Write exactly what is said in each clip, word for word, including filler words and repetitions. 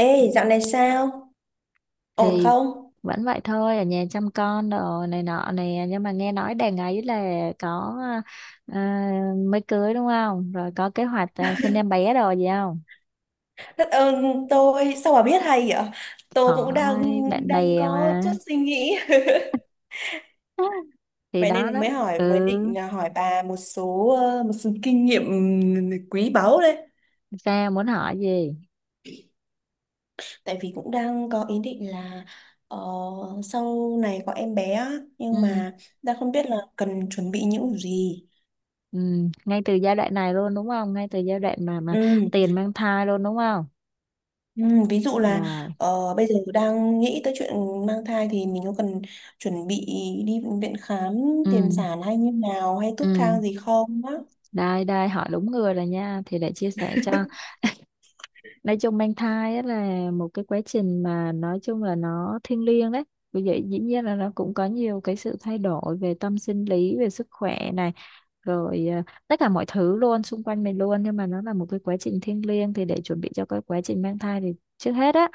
Ê, dạo này sao? Ổn Thì không? vẫn vậy thôi, ở nhà chăm con đồ này nọ nè, nhưng mà nghe nói đàn ấy là có, à, mới cưới đúng không? Rồi có kế hoạch, à, sinh em bé đồ gì không? Đất ơn tôi, sao bà biết hay vậy? Tôi cũng đang Hỏi bạn đang bè có chút mà. suy nghĩ. Thì Vậy nên đó là đó. mới hỏi, mới Ừ, định là hỏi bà một số ờ, một số kinh nghiệm quý báu đấy. sao muốn hỏi gì? Tại vì cũng đang có ý định là ờ, sau này có em bé á, nhưng Ừ. mà đang không biết là cần chuẩn bị những gì. Ừ, ngay từ giai đoạn này luôn đúng không? Ngay từ giai đoạn mà mà Ừ. tiền mang thai luôn đúng không? Ừ, ví dụ là Rồi. ờ, bây giờ đang nghĩ tới chuyện mang thai thì mình có cần chuẩn bị đi bệnh viện khám Ừ. tiền sản hay như nào hay Ừ, thuốc thang gì không á. đây đây hỏi đúng người rồi nha, thì để chia sẻ cho. Nói chung mang thai á là một cái quá trình mà nói chung là nó thiêng liêng đấy. Vì vậy dĩ nhiên là nó cũng có nhiều cái sự thay đổi về tâm sinh lý, về sức khỏe này, rồi à, tất cả mọi thứ luôn xung quanh mình luôn. Nhưng mà nó là một cái quá trình thiêng liêng, thì để chuẩn bị cho cái quá trình mang thai thì trước hết á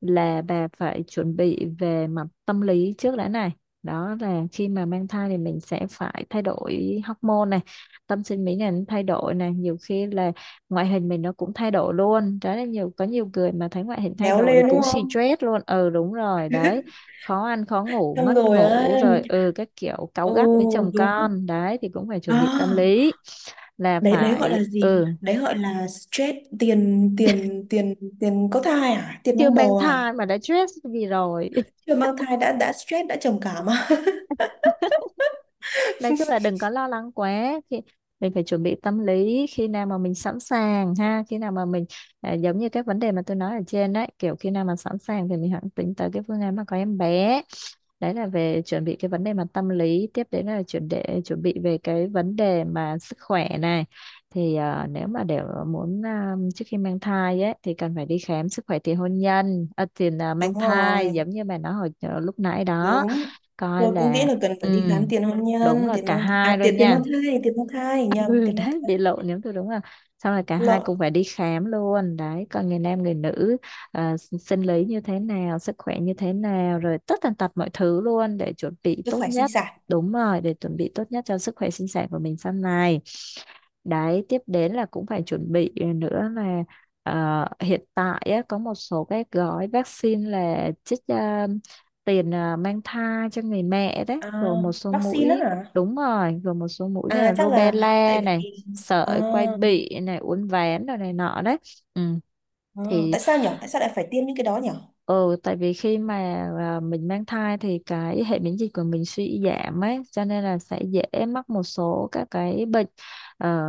là bà phải chuẩn bị về mặt tâm lý trước đã này. Đó là khi mà mang thai thì mình sẽ phải thay đổi hormone này, tâm sinh lý này nó thay đổi này, nhiều khi là ngoại hình mình nó cũng thay đổi luôn. Đó là nhiều, có nhiều người mà thấy ngoại hình thay Béo đổi rồi lên đúng cũng không? stress luôn. Ừ, đúng rồi đấy, khó ăn khó ngủ, Xong mất rồi á. ngủ rồi, ừ, các kiểu cáu Ừ, gắt với chồng đúng con đấy, thì cũng phải à. chuẩn bị tâm lý là Đấy đấy, gọi là phải. gì, Ừ, đấy gọi là stress tiền tiền tiền tiền có thai à, tiền chưa mang mang bầu à? thai mà đã stress vì rồi. Chưa mang thai đã đã stress, đã trầm cảm à? Nói chung là đừng có lo lắng quá. Khi mình phải chuẩn bị tâm lý, khi nào mà mình sẵn sàng ha, khi nào mà mình, à, giống như các vấn đề mà tôi nói ở trên đấy, kiểu khi nào mà sẵn sàng thì mình hẳn tính tới cái phương án mà có em bé. Đấy là về chuẩn bị cái vấn đề mà tâm lý. Tiếp đến là chuẩn, để chuẩn bị về cái vấn đề mà sức khỏe này, thì à, nếu mà để muốn, à, trước khi mang thai ấy thì cần phải đi khám sức khỏe tiền hôn nhân, à, tiền, à, Đúng mang thai, rồi, giống như bà nói hồi ờ, lúc nãy đó, đúng coi rồi, cũng nghĩ là. là cần Ừ, phải đi khám tiền hôn đúng nhân, rồi, tiền cả mang thai, hai à tiền, luôn tiền nha. mang thai tiền mang thai nhầm Ừ, tiền mang đấy bị thai lộ nếu tôi đúng là, xong rồi cả hai lộn. cũng phải đi khám luôn đấy, còn người nam người nữ, à, s- sinh lý như thế nào, sức khỏe như thế nào, rồi tất tần tật mọi thứ luôn, để chuẩn bị Sức tốt khỏe sinh nhất. sản. Đúng rồi, để chuẩn bị tốt nhất cho sức khỏe sinh sản của mình sau này. Đấy, tiếp đến là cũng phải chuẩn bị nữa là, ờ, hiện tại á, có một số cái gói vaccine là chích, ờ, tiền, ờ, mang thai cho người mẹ đấy, rồi à, một số Vaccine á mũi. hả? Đúng rồi, gồm một số mũi như À là chắc là rubella tại này, vì à, sởi quai bị này, uốn ván rồi này nọ đấy. Ừ. à, Thì, tại sao nhở, tại sao lại phải tiêm những cái đó nhở? ừ, tại vì khi mà, à, mình mang thai thì cái hệ miễn dịch của mình suy giảm ấy, cho nên là sẽ dễ mắc một số các cái bệnh, ờ,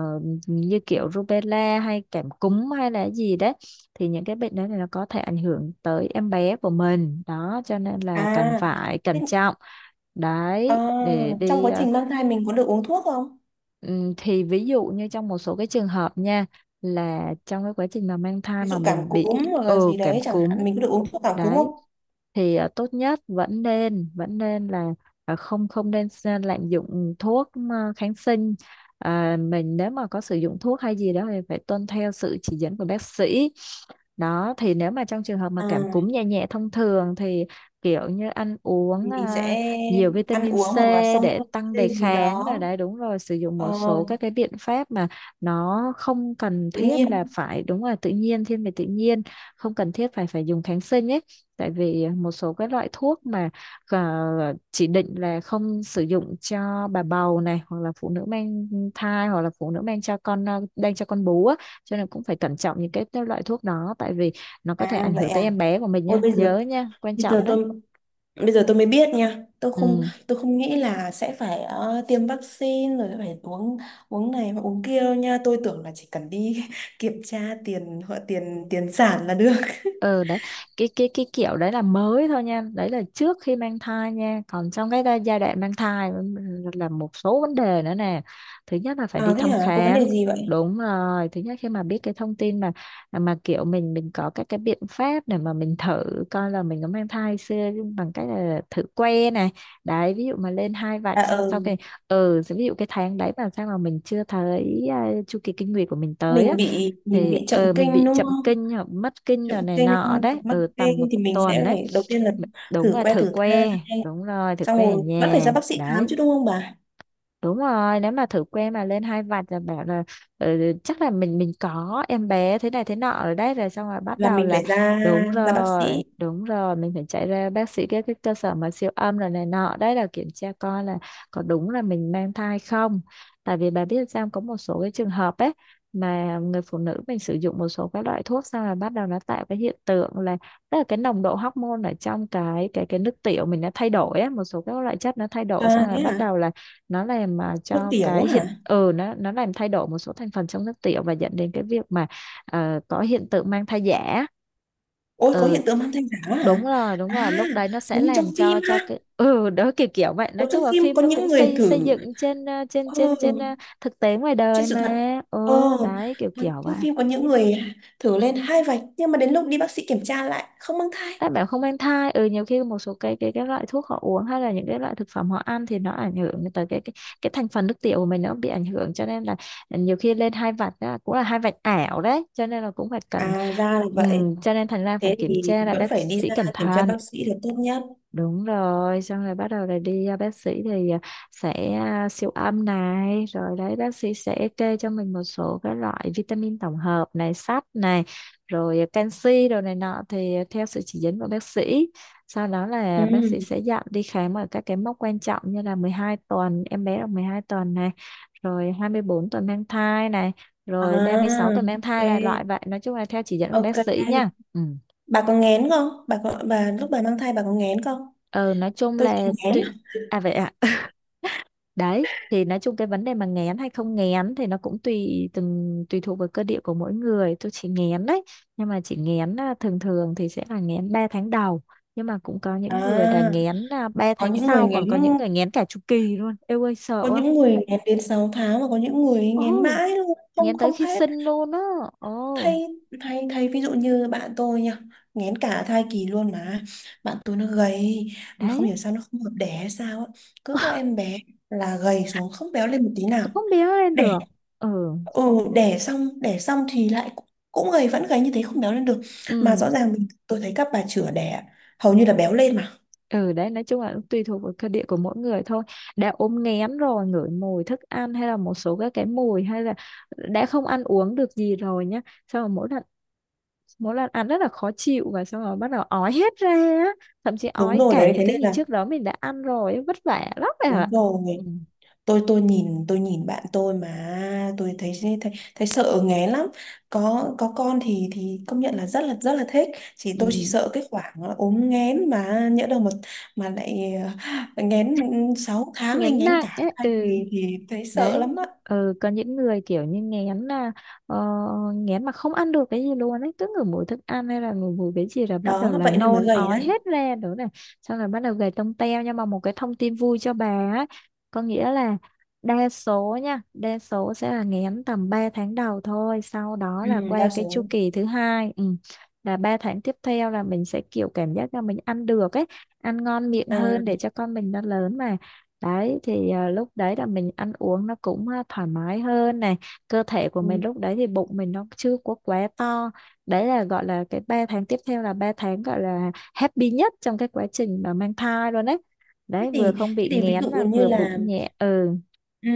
như kiểu rubella hay cảm cúm hay là gì đấy. Thì những cái bệnh đó thì nó có thể ảnh hưởng tới em bé của mình đó, cho nên là cần à, phải cẩn thế- trọng À đấy, để trong đi, quá ờ. trình mang thai mình có được uống thuốc không? Ừm, thì ví dụ như trong một số cái trường hợp nha, là trong cái quá trình mà mang thai Ví mà dụ mình cảm bị, cúm hoặc là ừ, gì cảm đấy chẳng cúm hạn, mình có được uống thuốc cảm cúm đấy, không? thì à, tốt nhất vẫn nên, vẫn nên là à, không không nên s- lạm dụng thuốc, à, kháng sinh. À, mình nếu mà có sử dụng thuốc hay gì đó thì phải tuân theo sự chỉ dẫn của bác sĩ. Đó thì nếu mà trong trường hợp mà cảm cúm À nhẹ nhẹ thông thường thì kiểu như ăn uống, thì mình à, sẽ nhiều ăn vitamin uống C hoặc là xông để tăng đề hơi gì kháng đó. rồi đấy. Đúng rồi, sử dụng Ờ, một số các cái biện pháp mà nó không cần tự thiết nhiên. là phải, đúng là tự nhiên, thiên về tự nhiên, không cần thiết phải phải dùng kháng sinh ấy. Tại vì một số cái loại thuốc mà, à, chỉ định là không sử dụng cho bà bầu này, hoặc là phụ nữ mang thai, hoặc là phụ nữ mang cho con, à, đang cho con bú á, cho nên cũng phải cẩn trọng những cái loại thuốc đó. Tại vì nó có thể À ảnh vậy hưởng tới à. em bé của mình Ôi nhá, bây giờ, nhớ nhá, quan bây trọng giờ đấy. tôi bây giờ tôi mới biết nha. Tôi không Ừ. tôi không nghĩ là sẽ phải ờ, tiêm vaccine rồi phải uống uống này và uống kia đâu nha. Tôi tưởng là chỉ cần đi kiểm tra tiền họ, tiền tiền sản là được. Ừ đấy, cái cái cái kiểu đấy là mới thôi nha, đấy là trước khi mang thai nha. Còn trong cái đa- giai đoạn mang thai là một số vấn đề nữa nè. Thứ nhất là phải đi À thế thăm hả? Có vấn khám. đề gì vậy? Đúng rồi, thứ nhất khi mà biết cái thông tin mà mà kiểu mình mình có các cái biện pháp để mà mình thử coi là mình có mang thai xưa, bằng cách là thử que này. Đấy, ví dụ mà lên hai vạch, À sau sau ừ, cái, ừ, ví dụ cái tháng đấy mà sao mà mình chưa thấy, à, chu kỳ kinh nguyệt của mình tới á, mình bị mình thì bị chậm ờ mình kinh bị đúng chậm không? kinh hoặc mất kinh Chậm rồi này kinh nọ hoặc đấy, mắc ở tầm kinh một thì mình tuần sẽ đấy. phải đầu tiên là Đúng thử là que thử thử thai, que, đúng rồi, thử xong que ở rồi vẫn phải ra nhà bác sĩ khám đấy. chứ đúng không bà? Đúng rồi, nếu mà thử que mà lên hai vạch là bảo là, ừ, ừ, chắc là mình mình có em bé thế này thế nọ ở đấy, rồi xong rồi bắt Là đầu mình là. phải ra, Đúng ra bác rồi, sĩ. đúng rồi, mình phải chạy ra bác sĩ, các cái cơ sở mà siêu âm rồi này nọ đấy, là kiểm tra coi là có đúng là mình mang thai không. Tại vì bà biết sao, có một số cái trường hợp ấy mà người phụ nữ mình sử dụng một số các loại thuốc xong là bắt đầu nó tạo cái hiện tượng là, tức là cái nồng độ hormone ở trong cái cái cái nước tiểu mình nó thay đổi á, một số các loại chất nó thay đổi xong À rồi thế bắt hả? đầu là nó làm mà Nước cho tiểu cái hiện, hả? ừ, nó nó làm thay đổi một số thành phần trong nước tiểu, và dẫn đến cái việc mà, ờ, có hiện tượng mang thai giả. Ôi có Ừ, hiện tượng mang thai giả đó đúng hả? rồi, đúng À, rồi, lúc đấy nó sẽ giống như trong làm phim cho cho ha. cái ừ đó, kiểu kiểu vậy. Nói Giống trong chung là phim phim có nó những cũng người xây xây thử, dựng trên ờ, trên ừ, trên trên ờ, thực tế ngoài trên đời sự thật. mà, ừ Ờ, đấy, kiểu có- kiểu trong vậy. phim có những người thử lên hai vạch nhưng mà đến lúc đi bác sĩ kiểm tra lại không mang thai. Các bạn không mang thai, ừ, nhiều khi một số cái cái cái loại thuốc họ uống, hay là những cái loại thực phẩm họ ăn, thì nó ảnh hưởng tới cái cái, cái thành phần nước tiểu của mình nó bị ảnh hưởng, cho nên là, ừ, nhiều khi lên hai vạch á, cũng là hai vạch ảo đấy, cho nên là cũng phải cần, À ra là vậy. ừm, cho nên thành ra phải Thế kiểm thì tra là vẫn bác phải đi sĩ ra cẩn kiểm tra thận. bác sĩ là tốt nhất. Đúng rồi, xong rồi bắt đầu là đi, à, bác sĩ thì à, sẽ à, siêu âm này, rồi đấy bác sĩ sẽ kê cho mình một số các loại vitamin tổng hợp này, sắt này, rồi à, canxi đồ này nọ, thì à, theo sự chỉ dẫn của bác sĩ. Sau đó là bác sĩ Ừ. sẽ dặn đi khám ở các cái mốc quan trọng, như là mười hai tuần, em bé được mười hai tuần này, rồi hai mươi bốn tuần mang thai này, À, rồi ba mươi sáu tuần mang thai là loại vậy. Nói chung là theo chỉ dẫn của bác ok, sĩ ok. nha. Ừ. Bà có nghén không? Bà có bà lúc bà mang thai bà có nghén không? Ờ, nói chung Tôi là sợ nghén tuy... lắm. À vậy ạ. Đấy, thì nói chung cái vấn đề mà nghén hay không nghén thì nó cũng tùy, từng tùy thuộc vào cơ địa của mỗi người. Tôi chỉ nghén đấy, nhưng mà chỉ nghén à, thường thường thì sẽ là nghén ba tháng đầu. Nhưng mà cũng có À, những người là nghén à, ba có tháng những người sau, nghén còn có những người nghén cả chu kỳ luôn. Eo ơi sợ có quá. những người nghén đến sáu tháng, và có những người Ồ, nghén mãi luôn, không nghén không tới khi hết. sinh luôn á. thay Ồ, thay thay ví dụ như bạn tôi nha, nghén cả thai kỳ luôn mà. Bạn tôi nó gầy, mà không đấy, hiểu sao nó không hợp đẻ hay sao á, cứ có em bé là gầy xuống, không béo lên một tí nào. không biết lên Đẻ, được. Ừ, ừ, đẻ xong đẻ xong thì lại cũng, cũng gầy, vẫn gầy như thế, không béo lên được. Mà ừ. rõ ràng mình, tôi thấy các bà chữa đẻ hầu như là béo lên mà. Ừ đấy, nói chung là cũng tùy thuộc vào cơ địa của mỗi người thôi. Đã ốm nghén rồi, ngửi mùi thức ăn hay là một số các cái mùi, hay là đã không ăn uống được gì rồi nhá. Xong rồi mỗi lần mỗi lần ăn rất là khó chịu, và xong rồi bắt đầu ói hết ra á. Thậm chí Đúng ói rồi cả đấy, những thế cái nên gì là trước đó mình đã ăn rồi ấy, vất vả lắm rồi đúng ạ. Ừ. rồi. Tôi tôi nhìn tôi nhìn bạn tôi mà tôi thấy, thấy thấy sợ nghé lắm. Có có con thì thì công nhận là rất là rất là thích. Chỉ tôi chỉ Ừ. sợ cái khoảng là ốm nghén, mà nhỡ đâu mà mà lại ờ, nghén sáu tháng hay nghén nghén nặng cả ấy, thai ừ. thì thì thấy sợ Đấy. lắm á. Ừ, có những người kiểu như nghén là ờ, nghén mà không ăn được cái gì luôn ấy, cứ ngửi mùi thức ăn hay là ngửi mùi cái gì là bắt đầu Đó là vậy nên mới nôn gầy ói đấy. hết ra nữa này. Xong rồi bắt đầu gầy tông teo, nhưng mà một cái thông tin vui cho bà ấy có nghĩa là đa số nha, đa số sẽ là nghén tầm ba tháng đầu thôi, sau đó Ừ, là qua đa cái chu số. kỳ thứ hai. Ừ. Là ba tháng tiếp theo là mình sẽ kiểu cảm giác là mình ăn được ấy, ăn ngon miệng À, hơn để cho con mình nó lớn mà. Đấy thì à, lúc đấy là mình ăn uống nó cũng à, thoải mái hơn này. Cơ thể của mình ừ. lúc đấy thì bụng mình nó chưa có quá to. Đấy là gọi là cái ba tháng tiếp theo là ba tháng gọi là happy nhất trong cái quá trình mà mang thai luôn đấy. thế Đấy, vừa thì không bị thế thì ví nghén dụ và như vừa là bụng nhẹ. Ừ. ừ,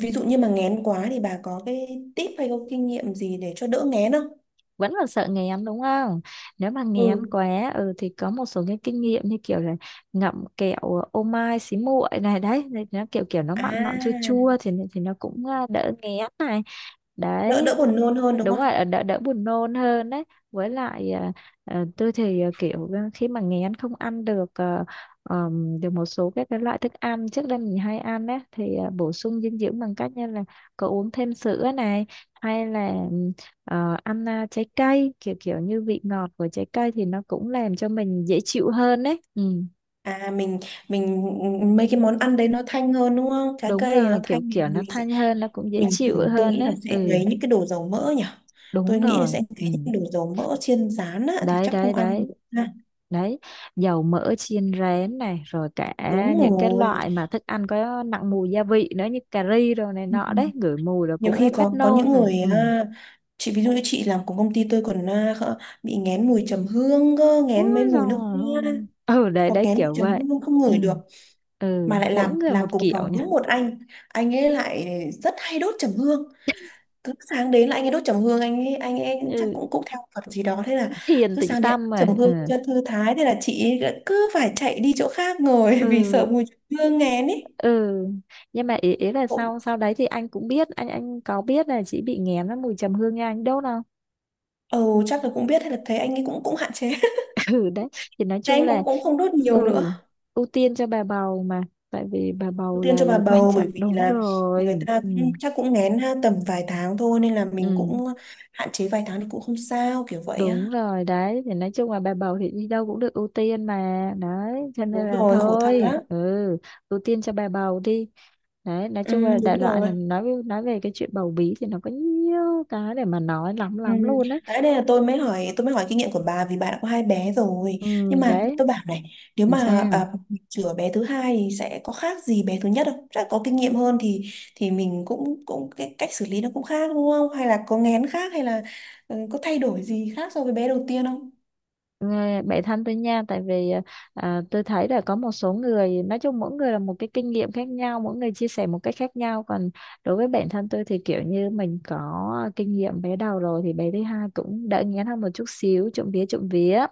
ví dụ như mà nghén quá thì bà có cái tip hay có kinh nghiệm gì để cho đỡ nghén không? Vẫn là sợ nghén đúng không? Nếu mà nghén Ừ. quá, ừ, thì có một số cái kinh nghiệm như kiểu là ngậm kẹo ô mai xí muội này. Đấy thì nó kiểu kiểu nó mặn mặn chua À, chua thì thì nó cũng à, đỡ nghén này. đỡ Đấy, đỡ buồn nôn hơn đúng đúng không? rồi, đỡ đỡ buồn nôn hơn đấy. Với lại à, à, tôi thì à, kiểu ờ, khi mà nghén không ăn được à, ờm, được một số các cái loại thức ăn trước đây mình hay ăn đấy thì à, bổ sung dinh dưỡng bằng cách như là có uống thêm sữa này, hay là ừm, ờ, ăn à, trái cây, kiểu kiểu như vị ngọt của trái cây thì nó cũng làm cho mình dễ chịu hơn đấy. Ừ. À mình mình mấy cái món ăn đấy nó thanh hơn đúng không, trái Đúng cây nó rồi, thanh kiểu thì kiểu nó mình sẽ, thanh hơn nó cũng dễ mình chịu tưởng, tôi hơn nghĩ là đấy. sẽ Ừ. ngấy những cái đồ dầu mỡ nhỉ. Tôi Đúng nghĩ là rồi. sẽ ngấy Ừ. những cái đồ dầu mỡ chiên rán á, thì Đấy chắc không đấy ăn đấy. được ha. Đấy, dầu mỡ chiên rén này, rồi cả Đúng những cái rồi. loại mà thức ăn có nặng mùi gia vị nữa như cà ri rồi này Ừ. nọ, đấy ngửi mùi là Nhiều cũng đã khi phát có có nôn những rồi. người Ừ. à, chị, ví dụ như chị làm cùng công ty tôi còn à, khờ- bị nghén mùi trầm hương cơ, nghén mấy Ôi mùi nước hoa rồi. Ừ đấy hoặc đấy nghén mùi kiểu trầm vậy. hương không Ừ. ngửi được. Ừ, Mà lại mỗi làm người làm một cùng kiểu phòng nha. đúng một anh anh ấy lại rất hay đốt trầm hương. Cứ sáng đến là anh ấy đốt trầm hương, anh ấy anh ấy chắc Ừ, cũng cũng theo Phật gì đó, thế là thiền cứ tĩnh sáng đến đốt tâm trầm mà. Ừ hương cho thư thái, thế là chị ấy cứ phải chạy đi chỗ khác ngồi vì ừ. sợ mùi hương nghén ấy. Ừ. Nhưng mà ý, ý là Cũng- sau sau đấy thì anh cũng biết, anh anh có biết là chị bị nghén với mùi trầm hương nha, anh đốt không? ừ chắc là cũng biết hay là thấy anh ấy cũng cũng hạn chế. Ừ. Đấy thì nói Thế chung anh là, cũng cũng không đốt ừ, nhiều nữa. ưu tiên cho bà bầu mà, tại vì bà bầu Ưu tiên là cho bà là quan bầu, trọng, bởi vì đúng là người rồi. ta Ừ. cũng, chắc cũng nghén ha, tầm vài tháng thôi nên là mình Ừ cũng hạn chế vài tháng thì cũng không sao, kiểu vậy đúng á. rồi. Đấy thì nói chung là bà bầu thì đi đâu cũng được ưu tiên mà, đấy cho nên Đúng là rồi, khổ thân thôi. lắm. Ừ, ưu tiên cho bà bầu đi. Đấy, nói Ừ, chung là đại đúng loại rồi. là nói nói về cái chuyện bầu bí thì nó có nhiều cái để mà nói lắm Ừ. lắm luôn đấy. Đấy đây là tôi mới hỏi, tôi mới hỏi kinh nghiệm của bà vì bà đã có hai bé rồi, Ừ. nhưng mà Đấy. tôi bảo này, nếu Làm mà sao? à, chữa bé thứ hai thì sẽ có khác gì bé thứ nhất không? Chắc có kinh nghiệm hơn thì thì mình cũng, cũng cái cách xử lý nó cũng khác đúng không? Hay là có nghén khác, hay là ừ, có thay đổi gì khác so với bé đầu tiên không? Nghe bạn thân tôi nha, tại vì ờ, à, tôi thấy là có một số người nói chung mỗi người là một cái kinh nghiệm khác nhau, mỗi người chia sẻ một cách khác nhau. Còn đối với bản thân tôi thì kiểu như mình có kinh nghiệm bé đầu rồi thì bé thứ hai cũng đỡ ngén hơn một chút xíu, trộm vía trộm vía.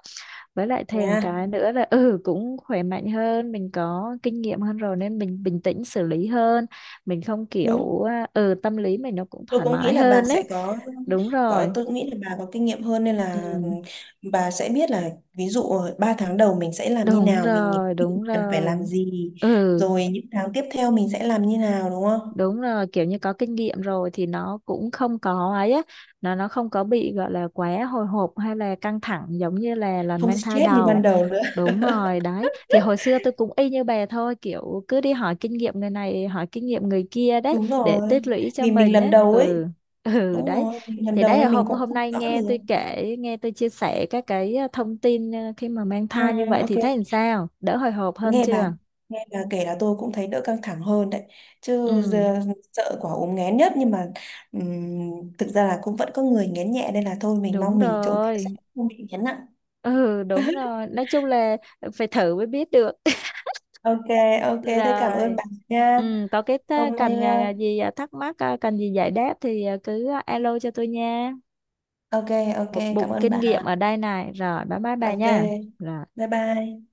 Với lại thêm Nha cái nữa là, ừ, cũng khỏe mạnh hơn, mình có kinh nghiệm hơn rồi nên mình bình tĩnh xử lý hơn, mình không đúng. kiểu à, ừ, tâm lý mình nó cũng Tôi thoải cũng nghĩ mái là bà hơn sẽ đấy. có Đúng có rồi. tôi cũng nghĩ là bà có kinh nghiệm hơn nên là Ừ, bà sẽ biết là ví dụ ba tháng đầu mình sẽ làm như đúng nào, mình nghĩ rồi, đúng cần phải làm rồi. gì, Ừ. rồi những tháng tiếp theo mình sẽ làm như nào đúng không. Đúng rồi, kiểu như có kinh nghiệm rồi thì nó cũng không có ấy á, nó nó không có bị gọi là quá hồi hộp hay là căng thẳng giống như là lần Không mang thai stress như đầu. ban đầu nữa. Đúng rồi. Đấy thì hồi xưa tôi cũng y như bà thôi, kiểu cứ đi hỏi kinh nghiệm người này, hỏi kinh nghiệm người kia đấy Đúng để rồi, tích lũy cho vì mình mình lần ấy. đầu Ừ ấy, ừ đúng đấy. rồi mình lần Thì đầu đấy là nên mình hôm cũng hôm không nay rõ nghe được. tôi kể, nghe tôi chia sẻ các cái ờ, thông tin ờ, khi mà mang Ừ, thai như vậy ok. thì thấy làm sao, đỡ hồi hộp hơn nghe bà chưa? nghe bà kể là tôi cũng thấy đỡ căng thẳng hơn đấy, chứ Ừ. giờ sợ quả ốm nghén nhất, nhưng mà ừm, thực ra là cũng vẫn có người nghén nhẹ nên là thôi mình Đúng mong mình trộm vía sẽ rồi. không bị nghén nặng. Ừ, đúng rồi, nói chung là phải thử mới biết được. Ok, ok, thế cảm ơn Rồi. bà nha. Ừ, có cái ta- Hôm nay cần ờ, à, gì à, thắc mắc à, cần gì giải đáp thì à, cứ à, alo cho tôi nha. ok, ok Một cảm bụng ơn kinh bà. nghiệm ở đây này, rồi bye bye bà Ok nha. Rồi. bye bye.